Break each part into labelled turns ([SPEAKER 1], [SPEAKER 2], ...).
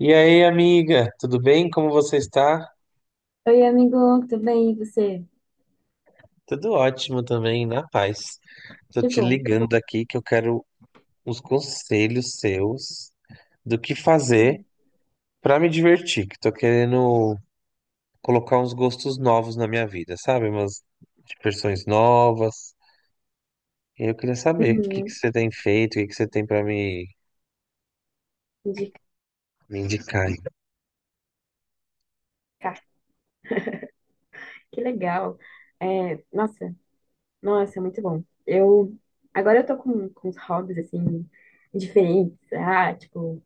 [SPEAKER 1] E aí, amiga, tudo bem? Como você está?
[SPEAKER 2] Oi, amigo, tudo bem? E você?
[SPEAKER 1] Tudo ótimo também, na paz. Tô
[SPEAKER 2] Que
[SPEAKER 1] te
[SPEAKER 2] bom.
[SPEAKER 1] ligando aqui que eu quero uns conselhos seus do que fazer
[SPEAKER 2] Uhum.
[SPEAKER 1] pra me divertir, que tô querendo colocar uns gostos novos na minha vida, sabe? Umas diversões novas. E eu queria saber o que que
[SPEAKER 2] Uhum,
[SPEAKER 1] você tem feito, o que que você tem pra me,
[SPEAKER 2] indicar.
[SPEAKER 1] me indicar. Aí.
[SPEAKER 2] Que legal. É, nossa, nossa, muito bom. Eu agora eu tô com uns hobbies assim diferentes. Ah, tipo,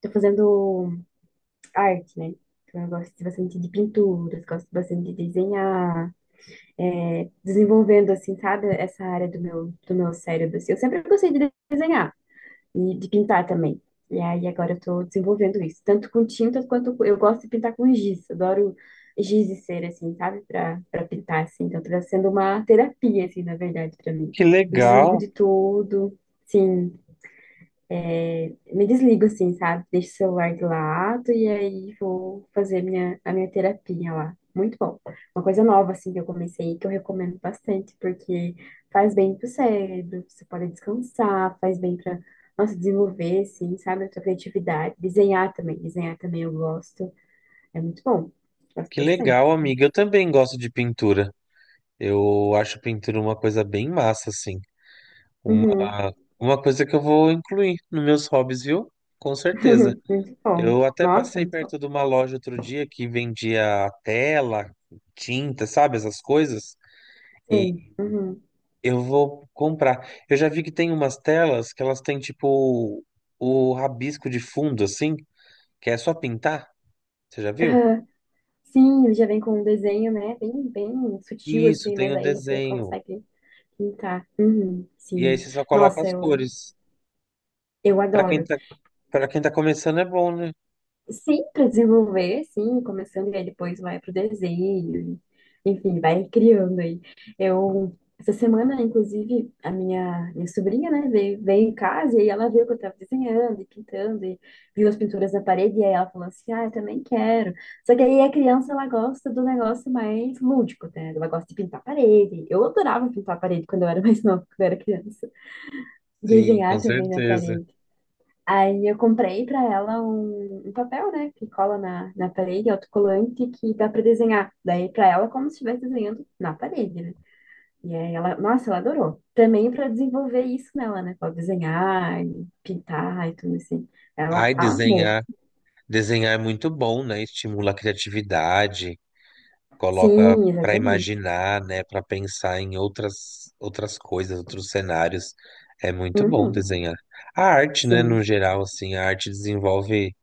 [SPEAKER 2] tô fazendo arte, né? Então eu gosto bastante de pinturas, gosto bastante de desenhar, é, desenvolvendo assim, sabe, essa área do meu cérebro, assim. Eu sempre gostei de desenhar e de pintar também. E aí agora eu tô desenvolvendo isso, tanto com tintas eu gosto de pintar com giz. Adoro giz e cera assim, sabe? Pra para pintar assim. Então tá sendo uma terapia assim, na verdade, pra mim.
[SPEAKER 1] Que
[SPEAKER 2] Desligo
[SPEAKER 1] legal,
[SPEAKER 2] de tudo. Sim, me desligo assim, sabe? Deixo o celular de lado e aí vou fazer a minha terapia lá. Muito bom. Uma coisa nova, assim, que eu comecei, que eu recomendo bastante, porque faz bem pro cérebro, você pode descansar, faz bem pra, nossa, desenvolver, assim, sabe? A sua criatividade. Desenhar também eu gosto. É muito bom. Gosto
[SPEAKER 1] que
[SPEAKER 2] bastante
[SPEAKER 1] legal,
[SPEAKER 2] assim.
[SPEAKER 1] amiga. Eu também gosto de pintura. Eu acho pintura uma coisa bem massa, assim. Uma,
[SPEAKER 2] Uhum.
[SPEAKER 1] uma coisa que eu vou incluir nos meus hobbies, viu? Com certeza.
[SPEAKER 2] Muito bom.
[SPEAKER 1] Eu até
[SPEAKER 2] Nossa,
[SPEAKER 1] passei
[SPEAKER 2] muito bom.
[SPEAKER 1] perto de uma loja outro dia que vendia tela, tinta, sabe? Essas coisas. E
[SPEAKER 2] Sim. Uhum.
[SPEAKER 1] eu vou comprar. Eu já vi que tem umas telas que elas têm tipo o rabisco de fundo, assim, que é só pintar. Você já viu?
[SPEAKER 2] Sim, ele já vem com um desenho, né? Bem, bem sutil,
[SPEAKER 1] Isso,
[SPEAKER 2] assim,
[SPEAKER 1] tem
[SPEAKER 2] mas
[SPEAKER 1] o
[SPEAKER 2] aí você
[SPEAKER 1] desenho.
[SPEAKER 2] consegue pintar. Uhum,
[SPEAKER 1] E aí
[SPEAKER 2] sim.
[SPEAKER 1] você só coloca
[SPEAKER 2] Nossa,
[SPEAKER 1] as
[SPEAKER 2] eu,
[SPEAKER 1] cores.
[SPEAKER 2] eu
[SPEAKER 1] Pra quem
[SPEAKER 2] adoro.
[SPEAKER 1] tá, para quem tá começando é bom, né?
[SPEAKER 2] Sim, para desenvolver, sim, começando e aí depois vai pro desenho, enfim, vai criando aí. Eu, essa semana, inclusive, a minha sobrinha, né, veio em casa e aí ela viu que eu tava desenhando e pintando e viu as pinturas na parede e aí ela falou assim, ah, eu também quero. Só que aí a criança, ela gosta do negócio mais lúdico, né, ela gosta de pintar a parede. Eu adorava pintar a parede quando eu era mais nova, quando eu era criança.
[SPEAKER 1] Sim, com
[SPEAKER 2] Desenhar também na
[SPEAKER 1] certeza.
[SPEAKER 2] parede. Aí eu comprei pra ela um papel, né, que cola na parede, autocolante, que dá pra desenhar. Daí pra ela, como se estivesse desenhando na parede, né? E aí ela, nossa, ela adorou. Também pra desenvolver isso nela, né, pra desenhar, e pintar e tudo assim. Ela
[SPEAKER 1] Ai,
[SPEAKER 2] amou.
[SPEAKER 1] desenhar. Desenhar é muito bom, né? Estimula a criatividade, coloca
[SPEAKER 2] Sim,
[SPEAKER 1] para
[SPEAKER 2] exatamente.
[SPEAKER 1] imaginar, né? Para pensar em outras coisas, outros cenários. É muito bom
[SPEAKER 2] Uhum.
[SPEAKER 1] desenhar. A arte, né? No
[SPEAKER 2] Sim,
[SPEAKER 1] geral, assim, a arte desenvolve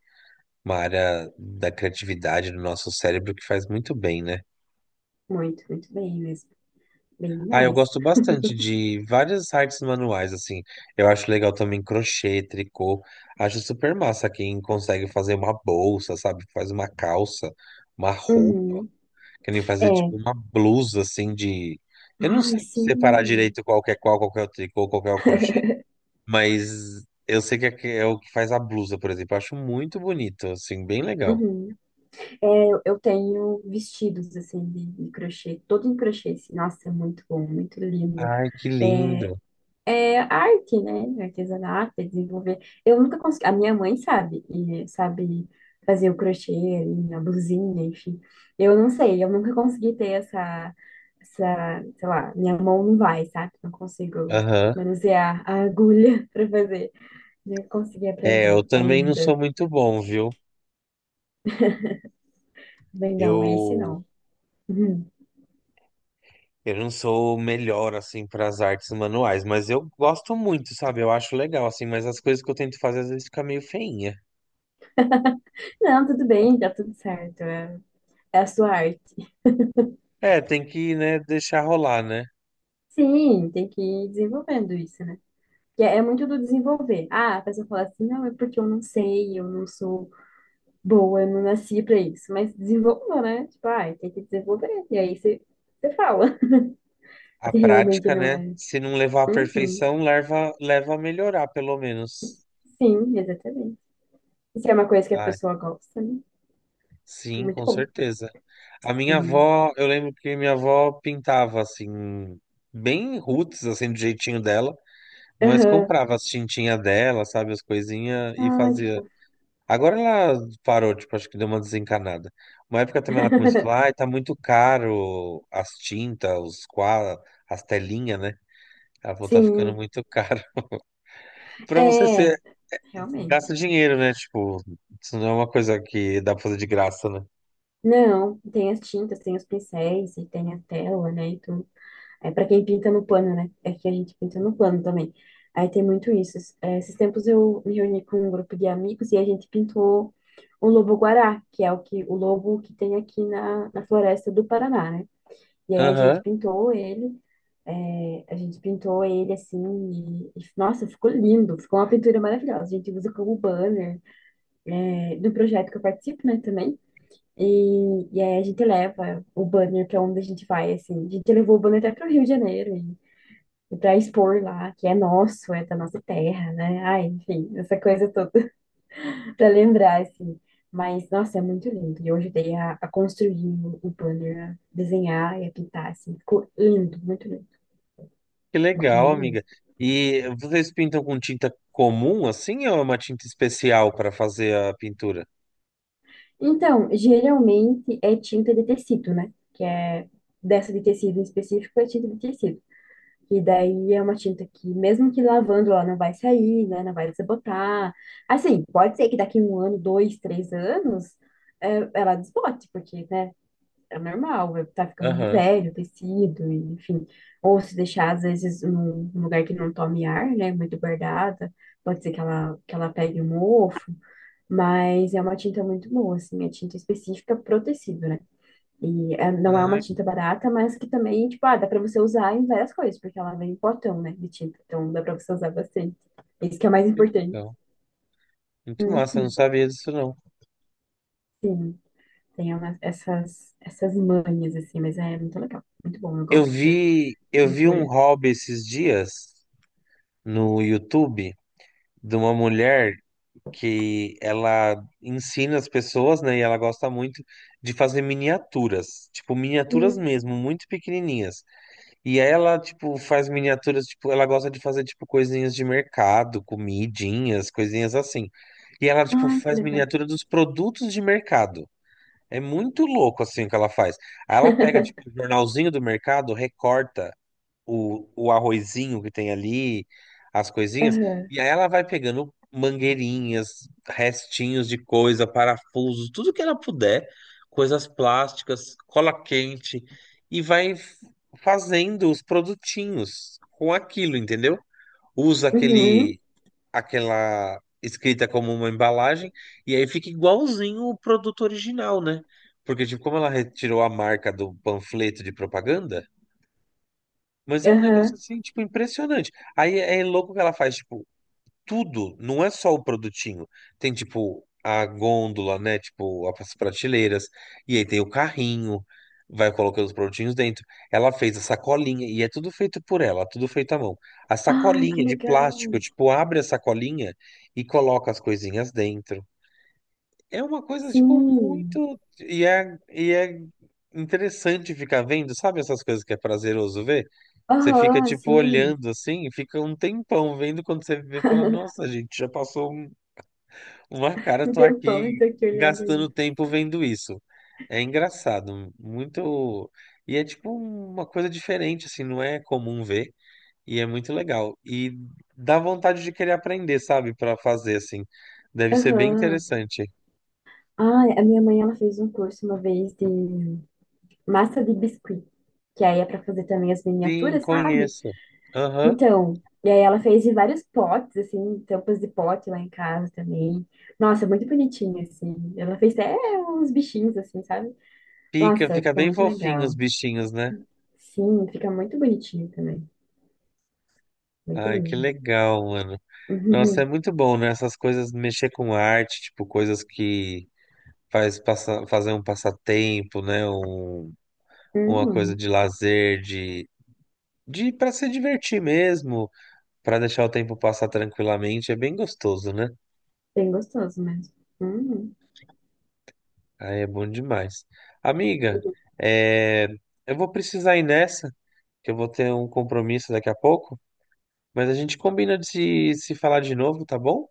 [SPEAKER 1] uma área da criatividade do nosso cérebro que faz muito bem, né?
[SPEAKER 2] muito, muito bem mesmo. Bem
[SPEAKER 1] Ah, eu
[SPEAKER 2] demais.
[SPEAKER 1] gosto bastante de várias artes manuais, assim. Eu acho legal também crochê, tricô. Acho super massa quem consegue fazer uma bolsa, sabe? Faz uma calça, uma roupa.
[SPEAKER 2] Uhum.
[SPEAKER 1] Querem fazer
[SPEAKER 2] É.
[SPEAKER 1] tipo uma blusa assim de. Eu não
[SPEAKER 2] Ai,
[SPEAKER 1] sei separar
[SPEAKER 2] sim.
[SPEAKER 1] direito qual que é qual, qual que é o tricô, qual que é o crochê, mas eu sei que é o que faz a blusa, por exemplo. Eu acho muito bonito, assim, bem legal.
[SPEAKER 2] Uhum. É, eu tenho vestidos assim de crochê, todo em crochê, assim. Nossa, é muito bom, muito lindo.
[SPEAKER 1] Ai, que
[SPEAKER 2] É
[SPEAKER 1] lindo.
[SPEAKER 2] é arte, né? Artesanato, é desenvolver. Eu nunca consegui. A minha mãe sabe, e sabe fazer o crochê, e a blusinha, enfim. Eu não sei, eu nunca consegui ter essa, sei lá, minha mão não vai, sabe? Não consigo
[SPEAKER 1] Aham.
[SPEAKER 2] manusear a agulha para fazer. Não consegui
[SPEAKER 1] É, eu
[SPEAKER 2] aprender
[SPEAKER 1] também não sou
[SPEAKER 2] ainda.
[SPEAKER 1] muito bom, viu?
[SPEAKER 2] Bem, não, esse
[SPEAKER 1] Eu,
[SPEAKER 2] não.
[SPEAKER 1] eu não sou o melhor, assim, para as artes manuais, mas eu gosto muito, sabe? Eu acho legal, assim, mas as coisas que eu tento fazer às vezes fica meio feinha.
[SPEAKER 2] Não, tudo bem, tá tudo certo. É, é a sua arte.
[SPEAKER 1] É, tem que, né, deixar rolar, né?
[SPEAKER 2] Sim, tem que ir desenvolvendo isso, né? Que é muito do desenvolver. Ah, a pessoa fala assim, não, é porque eu não sei, eu não sou boa, eu não nasci pra isso. Mas desenvolva, né? Tipo, ah, tem que desenvolver. E aí você, você fala
[SPEAKER 1] A
[SPEAKER 2] se realmente
[SPEAKER 1] prática,
[SPEAKER 2] não
[SPEAKER 1] né?
[SPEAKER 2] é.
[SPEAKER 1] Se não levar à
[SPEAKER 2] Uhum.
[SPEAKER 1] perfeição, leva, leva a melhorar, pelo menos.
[SPEAKER 2] Sim, exatamente. Isso é uma coisa que a
[SPEAKER 1] Ah,
[SPEAKER 2] pessoa gosta, né?
[SPEAKER 1] sim,
[SPEAKER 2] Muito
[SPEAKER 1] com
[SPEAKER 2] bom.
[SPEAKER 1] certeza. A minha
[SPEAKER 2] Sim.
[SPEAKER 1] avó, eu lembro que minha avó pintava assim, bem roots, assim, do jeitinho dela, mas
[SPEAKER 2] Aham.
[SPEAKER 1] comprava as tintinhas dela, sabe, as coisinhas e
[SPEAKER 2] Ai, que
[SPEAKER 1] fazia.
[SPEAKER 2] fofo.
[SPEAKER 1] Agora ela parou, tipo, acho que deu uma desencanada. Uma época também ela começou a falar, ai, tá muito caro as tintas, os quadros, as telinhas, né? Ela falou, tá ficando
[SPEAKER 2] Sim.
[SPEAKER 1] muito caro. Pra você ser
[SPEAKER 2] É, realmente.
[SPEAKER 1] gasta dinheiro, né? Tipo, isso não é uma coisa que dá pra fazer de graça, né?
[SPEAKER 2] Não, tem as tintas, tem os pincéis e tem a tela, né? E tudo. É para quem pinta no plano, né? É que a gente pinta no plano também. Aí tem muito isso. É, esses tempos eu me reuni com um grupo de amigos e a gente pintou o lobo-guará, que é o que o lobo que tem aqui na floresta do Paraná, né? E aí a gente
[SPEAKER 1] Aham,
[SPEAKER 2] pintou ele, é, a gente pintou ele assim, e, nossa, ficou lindo, ficou uma pintura maravilhosa. A gente usa como banner, é, do projeto que eu participo, né, também. E aí a gente leva o banner para onde a gente vai, assim. A gente levou o banner até para o Rio de Janeiro para expor lá, que é nosso, é da nossa terra, né? Ai, enfim, essa coisa toda para lembrar, assim. Mas, nossa, é muito lindo. E eu ajudei a construir o banner, a desenhar e a pintar, assim. Ficou lindo, muito lindo,
[SPEAKER 1] que
[SPEAKER 2] muito
[SPEAKER 1] legal,
[SPEAKER 2] lindo
[SPEAKER 1] amiga.
[SPEAKER 2] mesmo.
[SPEAKER 1] E vocês pintam com tinta comum assim ou é uma tinta especial para fazer a pintura?
[SPEAKER 2] Então, geralmente é tinta de tecido, né? Que é dessa de tecido em específico, é tinta de tecido. E daí é uma tinta que, mesmo que lavando, ela não vai sair, né? Não vai desbotar. Assim, pode ser que daqui um ano, dois, três anos, é, ela desbote, porque, né? É normal, tá ficando
[SPEAKER 1] Aham.
[SPEAKER 2] velho o tecido, e, enfim. Ou se deixar, às vezes, num lugar que não tome ar, né? Muito guardada, pode ser que ela pegue um mofo. Mas é uma tinta muito boa, assim, é tinta específica pro tecido, né? E não é uma
[SPEAKER 1] Ah,
[SPEAKER 2] tinta barata, mas que também, tipo, ah, dá pra você usar em várias coisas, porque ela vem em potão, né, de tinta. Então dá pra você usar bastante. Isso que é o mais
[SPEAKER 1] que
[SPEAKER 2] importante.
[SPEAKER 1] legal. Muito massa, eu não
[SPEAKER 2] Uhum,
[SPEAKER 1] sabia disso não.
[SPEAKER 2] sim, essas manhas, assim, mas é muito legal. Muito bom, eu
[SPEAKER 1] Eu
[SPEAKER 2] gosto da
[SPEAKER 1] vi, eu vi um
[SPEAKER 2] pintura.
[SPEAKER 1] hobby esses dias no YouTube de uma mulher que ela ensina as pessoas, né? E ela gosta muito de fazer miniaturas, tipo miniaturas
[SPEAKER 2] Hum,
[SPEAKER 1] mesmo, muito pequenininhas. E ela, tipo, faz miniaturas, tipo, ela gosta de fazer, tipo, coisinhas de mercado, comidinhas, coisinhas assim. E ela, tipo,
[SPEAKER 2] ai, que
[SPEAKER 1] faz
[SPEAKER 2] legal.
[SPEAKER 1] miniatura dos produtos de mercado. É muito louco, assim, o que ela faz. Aí ela pega, tipo, o jornalzinho do mercado, recorta o arrozinho que tem ali, as coisinhas,
[SPEAKER 2] Aham.
[SPEAKER 1] e aí ela vai pegando mangueirinhas, restinhos de coisa, parafusos, tudo que ela puder, coisas plásticas, cola quente, e fazendo os produtinhos com aquilo, entendeu? Usa
[SPEAKER 2] Uhum.
[SPEAKER 1] aquele, aquela escrita como uma embalagem, e aí fica igualzinho o produto original, né? Porque, tipo, como ela retirou a marca do panfleto de propaganda, mas é um negócio
[SPEAKER 2] Aham.
[SPEAKER 1] assim, tipo, impressionante. Aí é louco que ela faz, tipo, tudo, não é só o produtinho. Tem, tipo, a gôndola, né? Tipo, as prateleiras. E aí tem o carrinho, vai colocando os produtinhos dentro. Ela fez a sacolinha, e é tudo feito por ela, tudo feito à mão. A
[SPEAKER 2] Ai, que
[SPEAKER 1] sacolinha de
[SPEAKER 2] legal.
[SPEAKER 1] plástico, tipo, abre a sacolinha e coloca as coisinhas dentro. É uma coisa, tipo,
[SPEAKER 2] Sim.
[SPEAKER 1] muito. E é interessante ficar vendo, sabe essas coisas que é prazeroso ver? Você fica
[SPEAKER 2] Aham,
[SPEAKER 1] tipo
[SPEAKER 2] sim.
[SPEAKER 1] olhando assim, fica um tempão vendo quando você vê, fala, nossa, gente, já passou um- uma cara,
[SPEAKER 2] Um
[SPEAKER 1] tô
[SPEAKER 2] tempão
[SPEAKER 1] aqui
[SPEAKER 2] eu tô aqui olhando ainda.
[SPEAKER 1] gastando tempo vendo isso. É engraçado, muito. E é tipo uma coisa diferente, assim, não é comum ver, e é muito legal. E dá vontade de querer aprender, sabe, pra fazer assim. Deve ser bem
[SPEAKER 2] Aham.
[SPEAKER 1] interessante.
[SPEAKER 2] Ah, a minha mãe ela fez um curso uma vez de massa de biscuit, que aí é para fazer também as
[SPEAKER 1] Sim,
[SPEAKER 2] miniaturas, sabe?
[SPEAKER 1] conheço. Aham.
[SPEAKER 2] Então, e aí ela fez de vários potes, assim, tampas de pote lá em casa também. Nossa, muito bonitinho, assim. Ela fez até uns bichinhos, assim, sabe?
[SPEAKER 1] Fica,
[SPEAKER 2] Nossa,
[SPEAKER 1] fica
[SPEAKER 2] ficou
[SPEAKER 1] bem
[SPEAKER 2] muito
[SPEAKER 1] fofinho os
[SPEAKER 2] legal.
[SPEAKER 1] bichinhos, né?
[SPEAKER 2] Sim, fica muito bonitinho também. Muito
[SPEAKER 1] Ai, que
[SPEAKER 2] lindo.
[SPEAKER 1] legal, mano. Nossa, é
[SPEAKER 2] Uhum.
[SPEAKER 1] muito bom, né? Essas coisas, mexer com arte, tipo, coisas que faz passa, fazer um passatempo, né? Um, uma coisa
[SPEAKER 2] Uhum.
[SPEAKER 1] de lazer, de para se divertir mesmo, para deixar o tempo passar tranquilamente, é bem gostoso, né?
[SPEAKER 2] Bem gostoso mesmo. Uhum.
[SPEAKER 1] Aí é bom demais. Amiga, é, eu vou precisar ir nessa, que eu vou ter um compromisso daqui a pouco, mas a gente combina de se falar de novo, tá bom?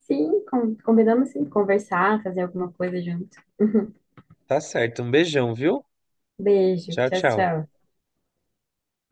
[SPEAKER 2] Sim, combinamos sim, conversar, fazer alguma coisa junto.
[SPEAKER 1] Tá certo. Um beijão, viu?
[SPEAKER 2] Beijo,
[SPEAKER 1] Tchau,
[SPEAKER 2] tchau,
[SPEAKER 1] tchau.
[SPEAKER 2] tchau.